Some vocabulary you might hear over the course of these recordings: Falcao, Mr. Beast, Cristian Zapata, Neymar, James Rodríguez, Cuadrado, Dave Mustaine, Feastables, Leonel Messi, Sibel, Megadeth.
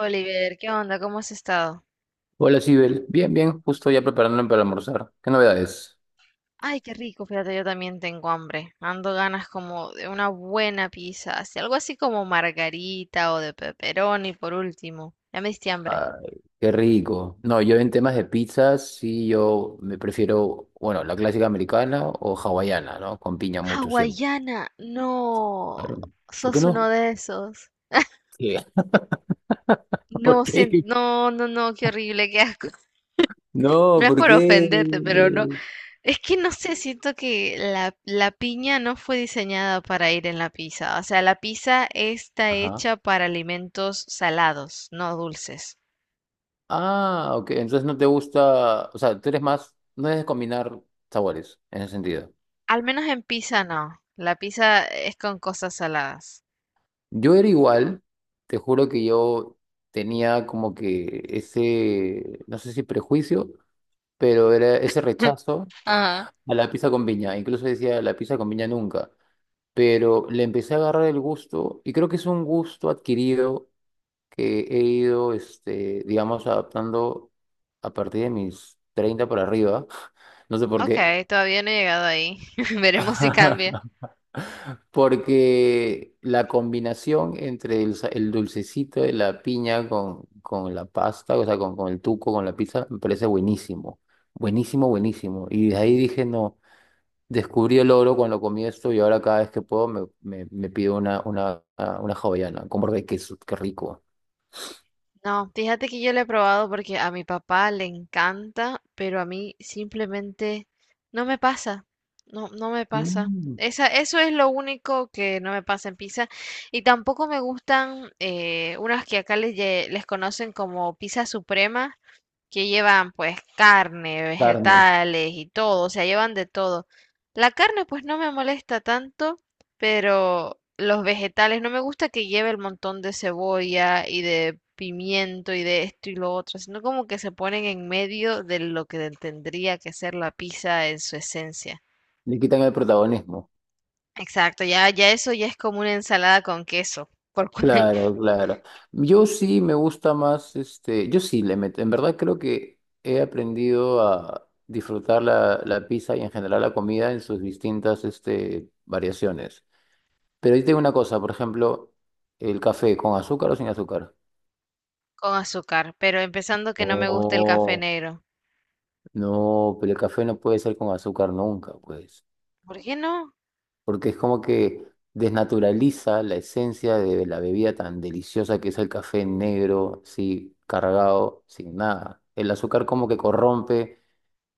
Oliver, ¿qué onda? ¿Cómo has estado? Hola, Sibel. Bien, bien, justo ya preparándome para almorzar. ¿Qué novedades? Ay, qué rico, fíjate, yo también tengo hambre. Ando ganas como de una buena pizza, así, algo así como margarita o de pepperoni por último. Ya me diste hambre. Ay, qué rico. No, yo en temas de pizzas, sí, yo me prefiero, bueno, la clásica americana o hawaiana, ¿no? Con piña mucho siempre. Hawaiana, no, Claro. ¿Por qué sos uno no? de esos. Sí. ¿Por No, qué? no, no, no, qué horrible, qué asco. No, No es ¿por por qué? ofenderte, pero no. Es que no sé, siento que la piña no fue diseñada para ir en la pizza. O sea, la pizza está Ajá. hecha para alimentos salados, no dulces. Ah, ok. Entonces no te gusta, o sea, tú eres más, no es de combinar sabores en ese sentido. Al menos en pizza no. La pizza es con cosas saladas. Yo era igual, te juro que yo tenía como que ese, no sé si prejuicio, pero era ese rechazo Ajá. a la pizza con piña. Incluso decía la pizza con piña nunca, pero le empecé a agarrar el gusto y creo que es un gusto adquirido que he ido, digamos, adaptando a partir de mis 30 para arriba. No sé por qué. Ok, todavía no he llegado ahí. Veremos si cambia. Porque la combinación entre el, el dulcecito de la piña con la pasta, o sea, con el tuco, con la pizza, me parece buenísimo. Buenísimo, buenísimo. Y de ahí dije, no, descubrí el oro cuando comí esto y ahora cada vez que puedo me pido una hawaiana con borde de queso, qué rico. No, fíjate que yo lo he probado porque a mi papá le encanta, pero a mí simplemente no me pasa. No, no me pasa. Mm, Esa, eso es lo único que no me pasa en pizza. Y tampoco me gustan unas que acá les conocen como pizza suprema, que llevan pues carne, carne, vegetales y todo, o sea, llevan de todo. La carne pues no me molesta tanto, pero los vegetales no me gusta que lleve el montón de cebolla y de pimiento y de esto y lo otro, sino como que se ponen en medio de lo que tendría que ser la pizza en su esencia. le quitan el protagonismo. Exacto, ya, ya eso ya es como una ensalada con queso, Claro, claro. Yo sí me gusta más, este, yo sí le meto, en verdad creo que he aprendido a disfrutar la pizza y en general la comida en sus distintas, este, variaciones. Pero yo tengo una cosa, por ejemplo, el café, ¿con azúcar o sin azúcar? con azúcar, pero empezando que no me gusta el café Oh, negro. no, pero el café no puede ser con azúcar nunca, pues. ¿Por qué no? Porque es como que desnaturaliza la esencia de la bebida tan deliciosa que es el café negro, así cargado, sin nada. El azúcar como que corrompe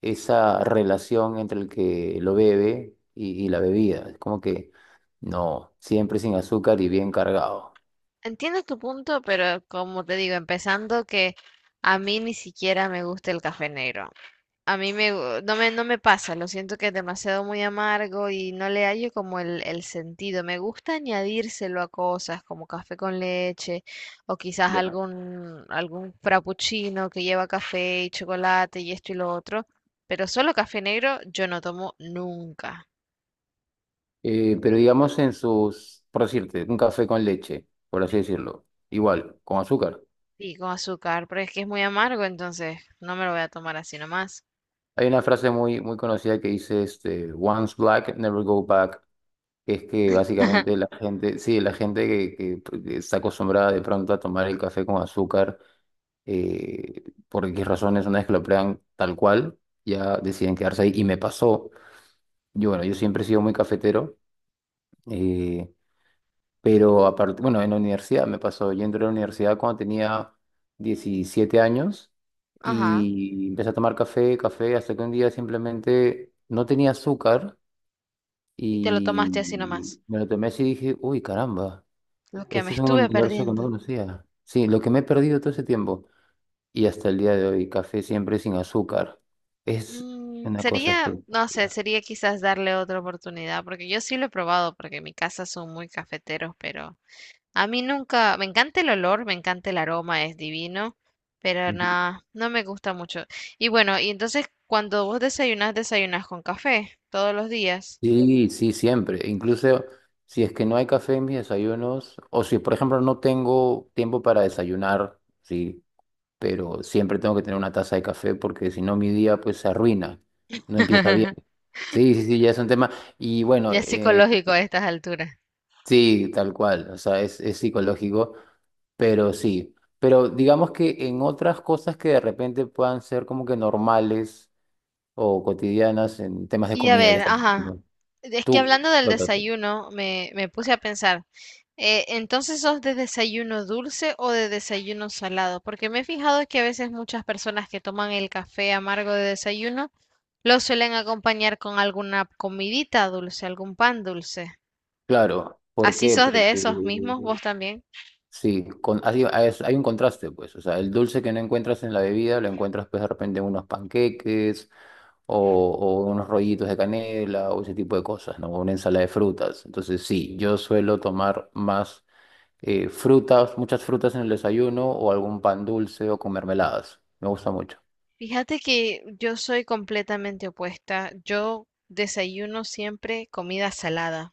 esa relación entre el que lo bebe y la bebida. Es como que no, siempre sin azúcar y bien cargado. Entiendo tu punto, pero como te digo, empezando que a mí ni siquiera me gusta el café negro. A mí me, gu- no no me pasa, lo siento que es demasiado muy amargo y no le hallo como el sentido. Me gusta añadírselo a cosas como café con leche o quizás Ya. Algún frappuccino que lleva café y chocolate y esto y lo otro, pero solo café negro yo no tomo nunca. Pero digamos en sus, por decirte, un café con leche, por así decirlo, igual, con azúcar. Y con azúcar, pero es que es muy amargo, entonces no me lo voy a tomar así nomás. Hay una frase muy, muy conocida que dice, este, Once black, never go back. Es que básicamente la gente, sí, la gente que, pues, que está acostumbrada de pronto a tomar el café con azúcar, eh, por X razones, una vez que lo prueban tal cual, ya deciden quedarse ahí. Y me pasó, yo, bueno, yo siempre he sido muy cafetero, eh, pero aparte, bueno, en la universidad me pasó, yo entré a la universidad cuando tenía 17 años Ajá. y empecé a tomar café, café, hasta que un día simplemente no tenía azúcar Y te lo tomaste así nomás. y me lo tomé así y dije, uy, caramba. Lo que me Este es un estuve universo que no perdiendo. conocía. Sí, lo que me he perdido todo ese tiempo y hasta el día de hoy, café siempre sin azúcar, es Mm, una cosa sería, no sé, espectacular. sería quizás darle otra oportunidad, porque yo sí lo he probado, porque en mi casa son muy cafeteros, pero a mí nunca, me encanta el olor, me encanta el aroma, es divino, pero Ujú. nada, no me gusta mucho. Y bueno, y entonces cuando vos desayunás, desayunás con café todos los días. Sí, sí, siempre. Incluso si es que no hay café en mis desayunos, o si por ejemplo no tengo tiempo para desayunar, sí, pero siempre tengo que tener una taza de café porque si no mi día pues se arruina, no empieza bien. Sí, sí, sí, ya es un tema. Y bueno, Ya es psicológico a estas alturas. sí, tal cual, o sea, es psicológico. Pero sí, pero digamos que en otras cosas que de repente puedan ser como que normales o cotidianas en temas de Y a comida que ver, estamos ajá. hablando, Es que tú, hablando del Lótate. desayuno, me puse a pensar, entonces sos de desayuno dulce o de desayuno salado, porque me he fijado que a veces muchas personas que toman el café amargo de desayuno lo suelen acompañar con alguna comidita dulce, algún pan dulce. Claro, ¿por ¿Así qué? sos Porque de esos mismos vos también? sí, con, hay un contraste, pues, o sea, el dulce que no encuentras en la bebida lo encuentras pues de repente en unos panqueques o unos rollitos de canela o ese tipo de cosas, ¿no? Una ensalada de frutas. Entonces sí, yo suelo tomar más frutas, muchas frutas en el desayuno o algún pan dulce o con mermeladas. Me gusta mucho. Fíjate que yo soy completamente opuesta. Yo desayuno siempre comida salada.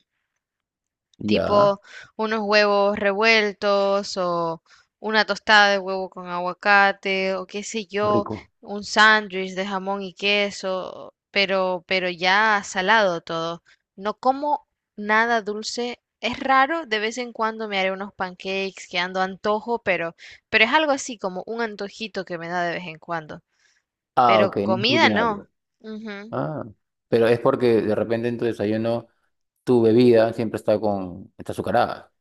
Ya, Tipo unos huevos revueltos o una tostada de huevo con aguacate o qué sé yo, rico. un sándwich de jamón y queso, pero ya salado todo. No como nada dulce. Es raro, de vez en cuando me haré unos pancakes que ando antojo, pero es algo así como un antojito que me da de vez en cuando. Ah, Pero ok, no es comida no. rutinario. Ujú. Ah, pero es porque de repente en tu desayuno tu bebida siempre está con, está azucarada.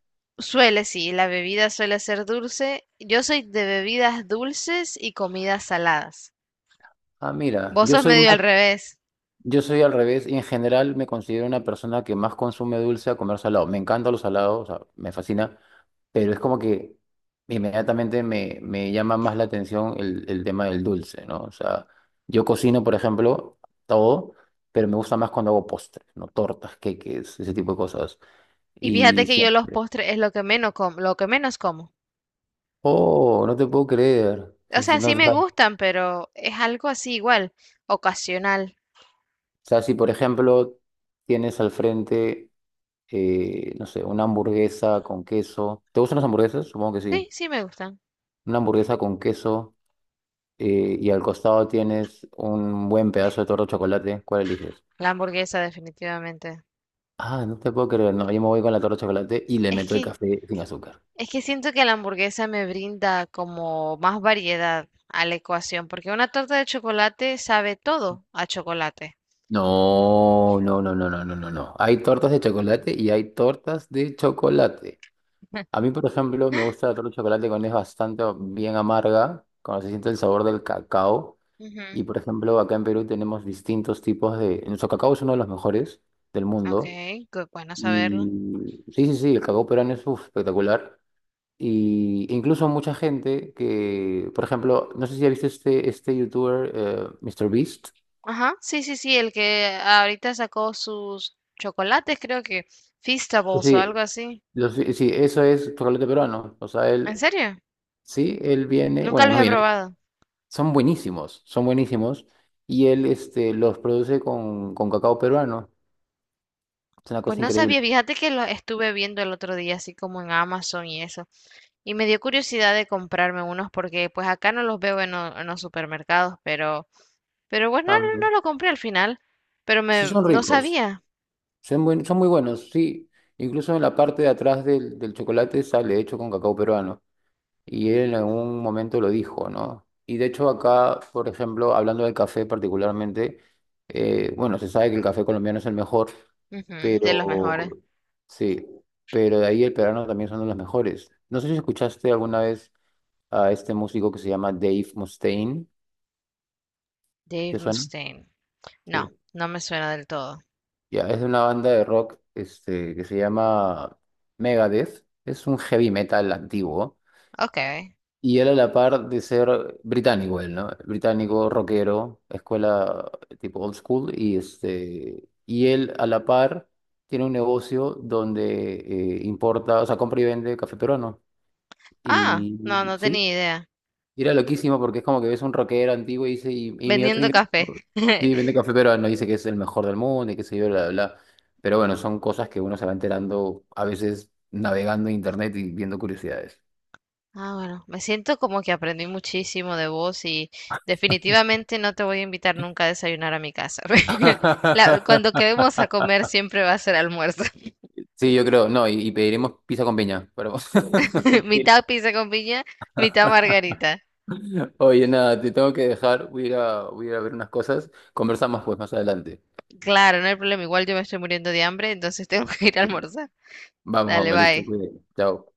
Suele, sí, la bebida suele ser dulce. Yo soy de bebidas dulces y comidas saladas. Ah, mira, Vos yo sos soy medio al más. revés. Yo soy al revés y en general me considero una persona que más consume dulce a comer salado. Me encantan los salados, o sea, me fascina, pero es como que inmediatamente me llama más la atención el tema del dulce, ¿no? O sea, yo cocino, por ejemplo, todo, pero me gusta más cuando hago postres, ¿no? Tortas, queques, ese tipo de cosas. Y fíjate Y que yo los siempre. postres es lo que menos como, lo que menos como. Oh, no te puedo creer. O sea, No, sí o me gustan, pero es algo así igual, ocasional. sea, si por ejemplo tienes al frente. No sé, una hamburguesa con queso. ¿Te gustan las hamburguesas? Supongo que Sí, sí. sí me gustan. Una hamburguesa con queso, y al costado tienes un buen pedazo de torta de chocolate. ¿Cuál eliges? La hamburguesa definitivamente. Ah, no te puedo creer. No, yo me voy con la torta de chocolate y le Es meto el que café sin azúcar. es que siento que la hamburguesa me brinda como más variedad a la ecuación, porque una torta de chocolate sabe todo a chocolate. No, no, no, no, no, no, no, no. Hay tortas de chocolate y hay tortas de chocolate. A mí, por ejemplo, me gusta la torta de chocolate cuando es bastante bien amarga, cuando se siente el sabor del cacao. Y Ujú. por ejemplo, acá en Perú tenemos distintos tipos de... Nuestro cacao es uno de los mejores del Ok, mundo. qué bueno saberlo. Y sí, sí, sí, el cacao peruano es uf, espectacular. Y incluso mucha gente que, por ejemplo, no sé si has visto este youtuber, Mr. Beast. Ajá, sí, sí, sí, el que ahorita sacó sus chocolates, creo que Feastables o algo Sí, así. Sí, eso es chocolate peruano. O sea, ¿En él, serio? sí, él viene, Nunca bueno, los no he viene, probado. son buenísimos, son buenísimos. Y él los produce con cacao peruano. Es una Pues cosa no sabía, increíble. fíjate que los estuve viendo el otro día, así como en Amazon y eso. Y me dio curiosidad de comprarme unos porque pues acá no los veo en, en los supermercados, pero bueno, Ah, no, no lo compré al final. Pero sí, me, son no ricos. sabía. Son muy buenos, sí. Incluso en la parte de atrás del chocolate sale hecho con cacao peruano. Y él en algún momento lo dijo, ¿no? Y de hecho acá, por ejemplo, hablando del café particularmente, bueno, se sabe que el café colombiano es el mejor, Ujú, de los mejores. pero sí, pero de ahí el peruano también son de los mejores. No sé si escuchaste alguna vez a este músico que se llama Dave Mustaine, Dave ¿te suena? Mustaine. No, Sí. no me suena del todo. Ya, es de una banda de rock que se llama Megadeth. Es un heavy metal antiguo. Ok. Y él a la par de ser británico, él, ¿no? Británico, rockero, escuela tipo old school. Y, y él a la par tiene un negocio donde importa, o sea, compra y vende café peruano. Ah, Y no, no sí, tenía idea. y era loquísimo porque es como que ves un rockero antiguo y dice, y mi otro Vendiendo ingreso, café. sí, vende café peruano, dice que es el mejor del mundo y que se yo, bla, bla, bla. Pero bueno, son cosas que uno se va enterando a veces navegando en internet y viendo curiosidades. Ah, bueno, me siento como que aprendí muchísimo de vos y definitivamente no te voy a invitar nunca a desayunar a mi casa. La- cuando quedemos a comer siempre va a ser almuerzo. Sí, yo creo, no, y pediremos pizza con piña, pero mentira. Mitad pizza con piña, mitad margarita. Oye, nada, te tengo que dejar, voy a ir a ver unas cosas, conversamos pues más adelante. Claro, no hay problema. Igual yo me estoy muriendo de hambre, entonces tengo que ir a Sí. almorzar. Vamos, Dale, vamos, listo, bye. cuídate. Chao.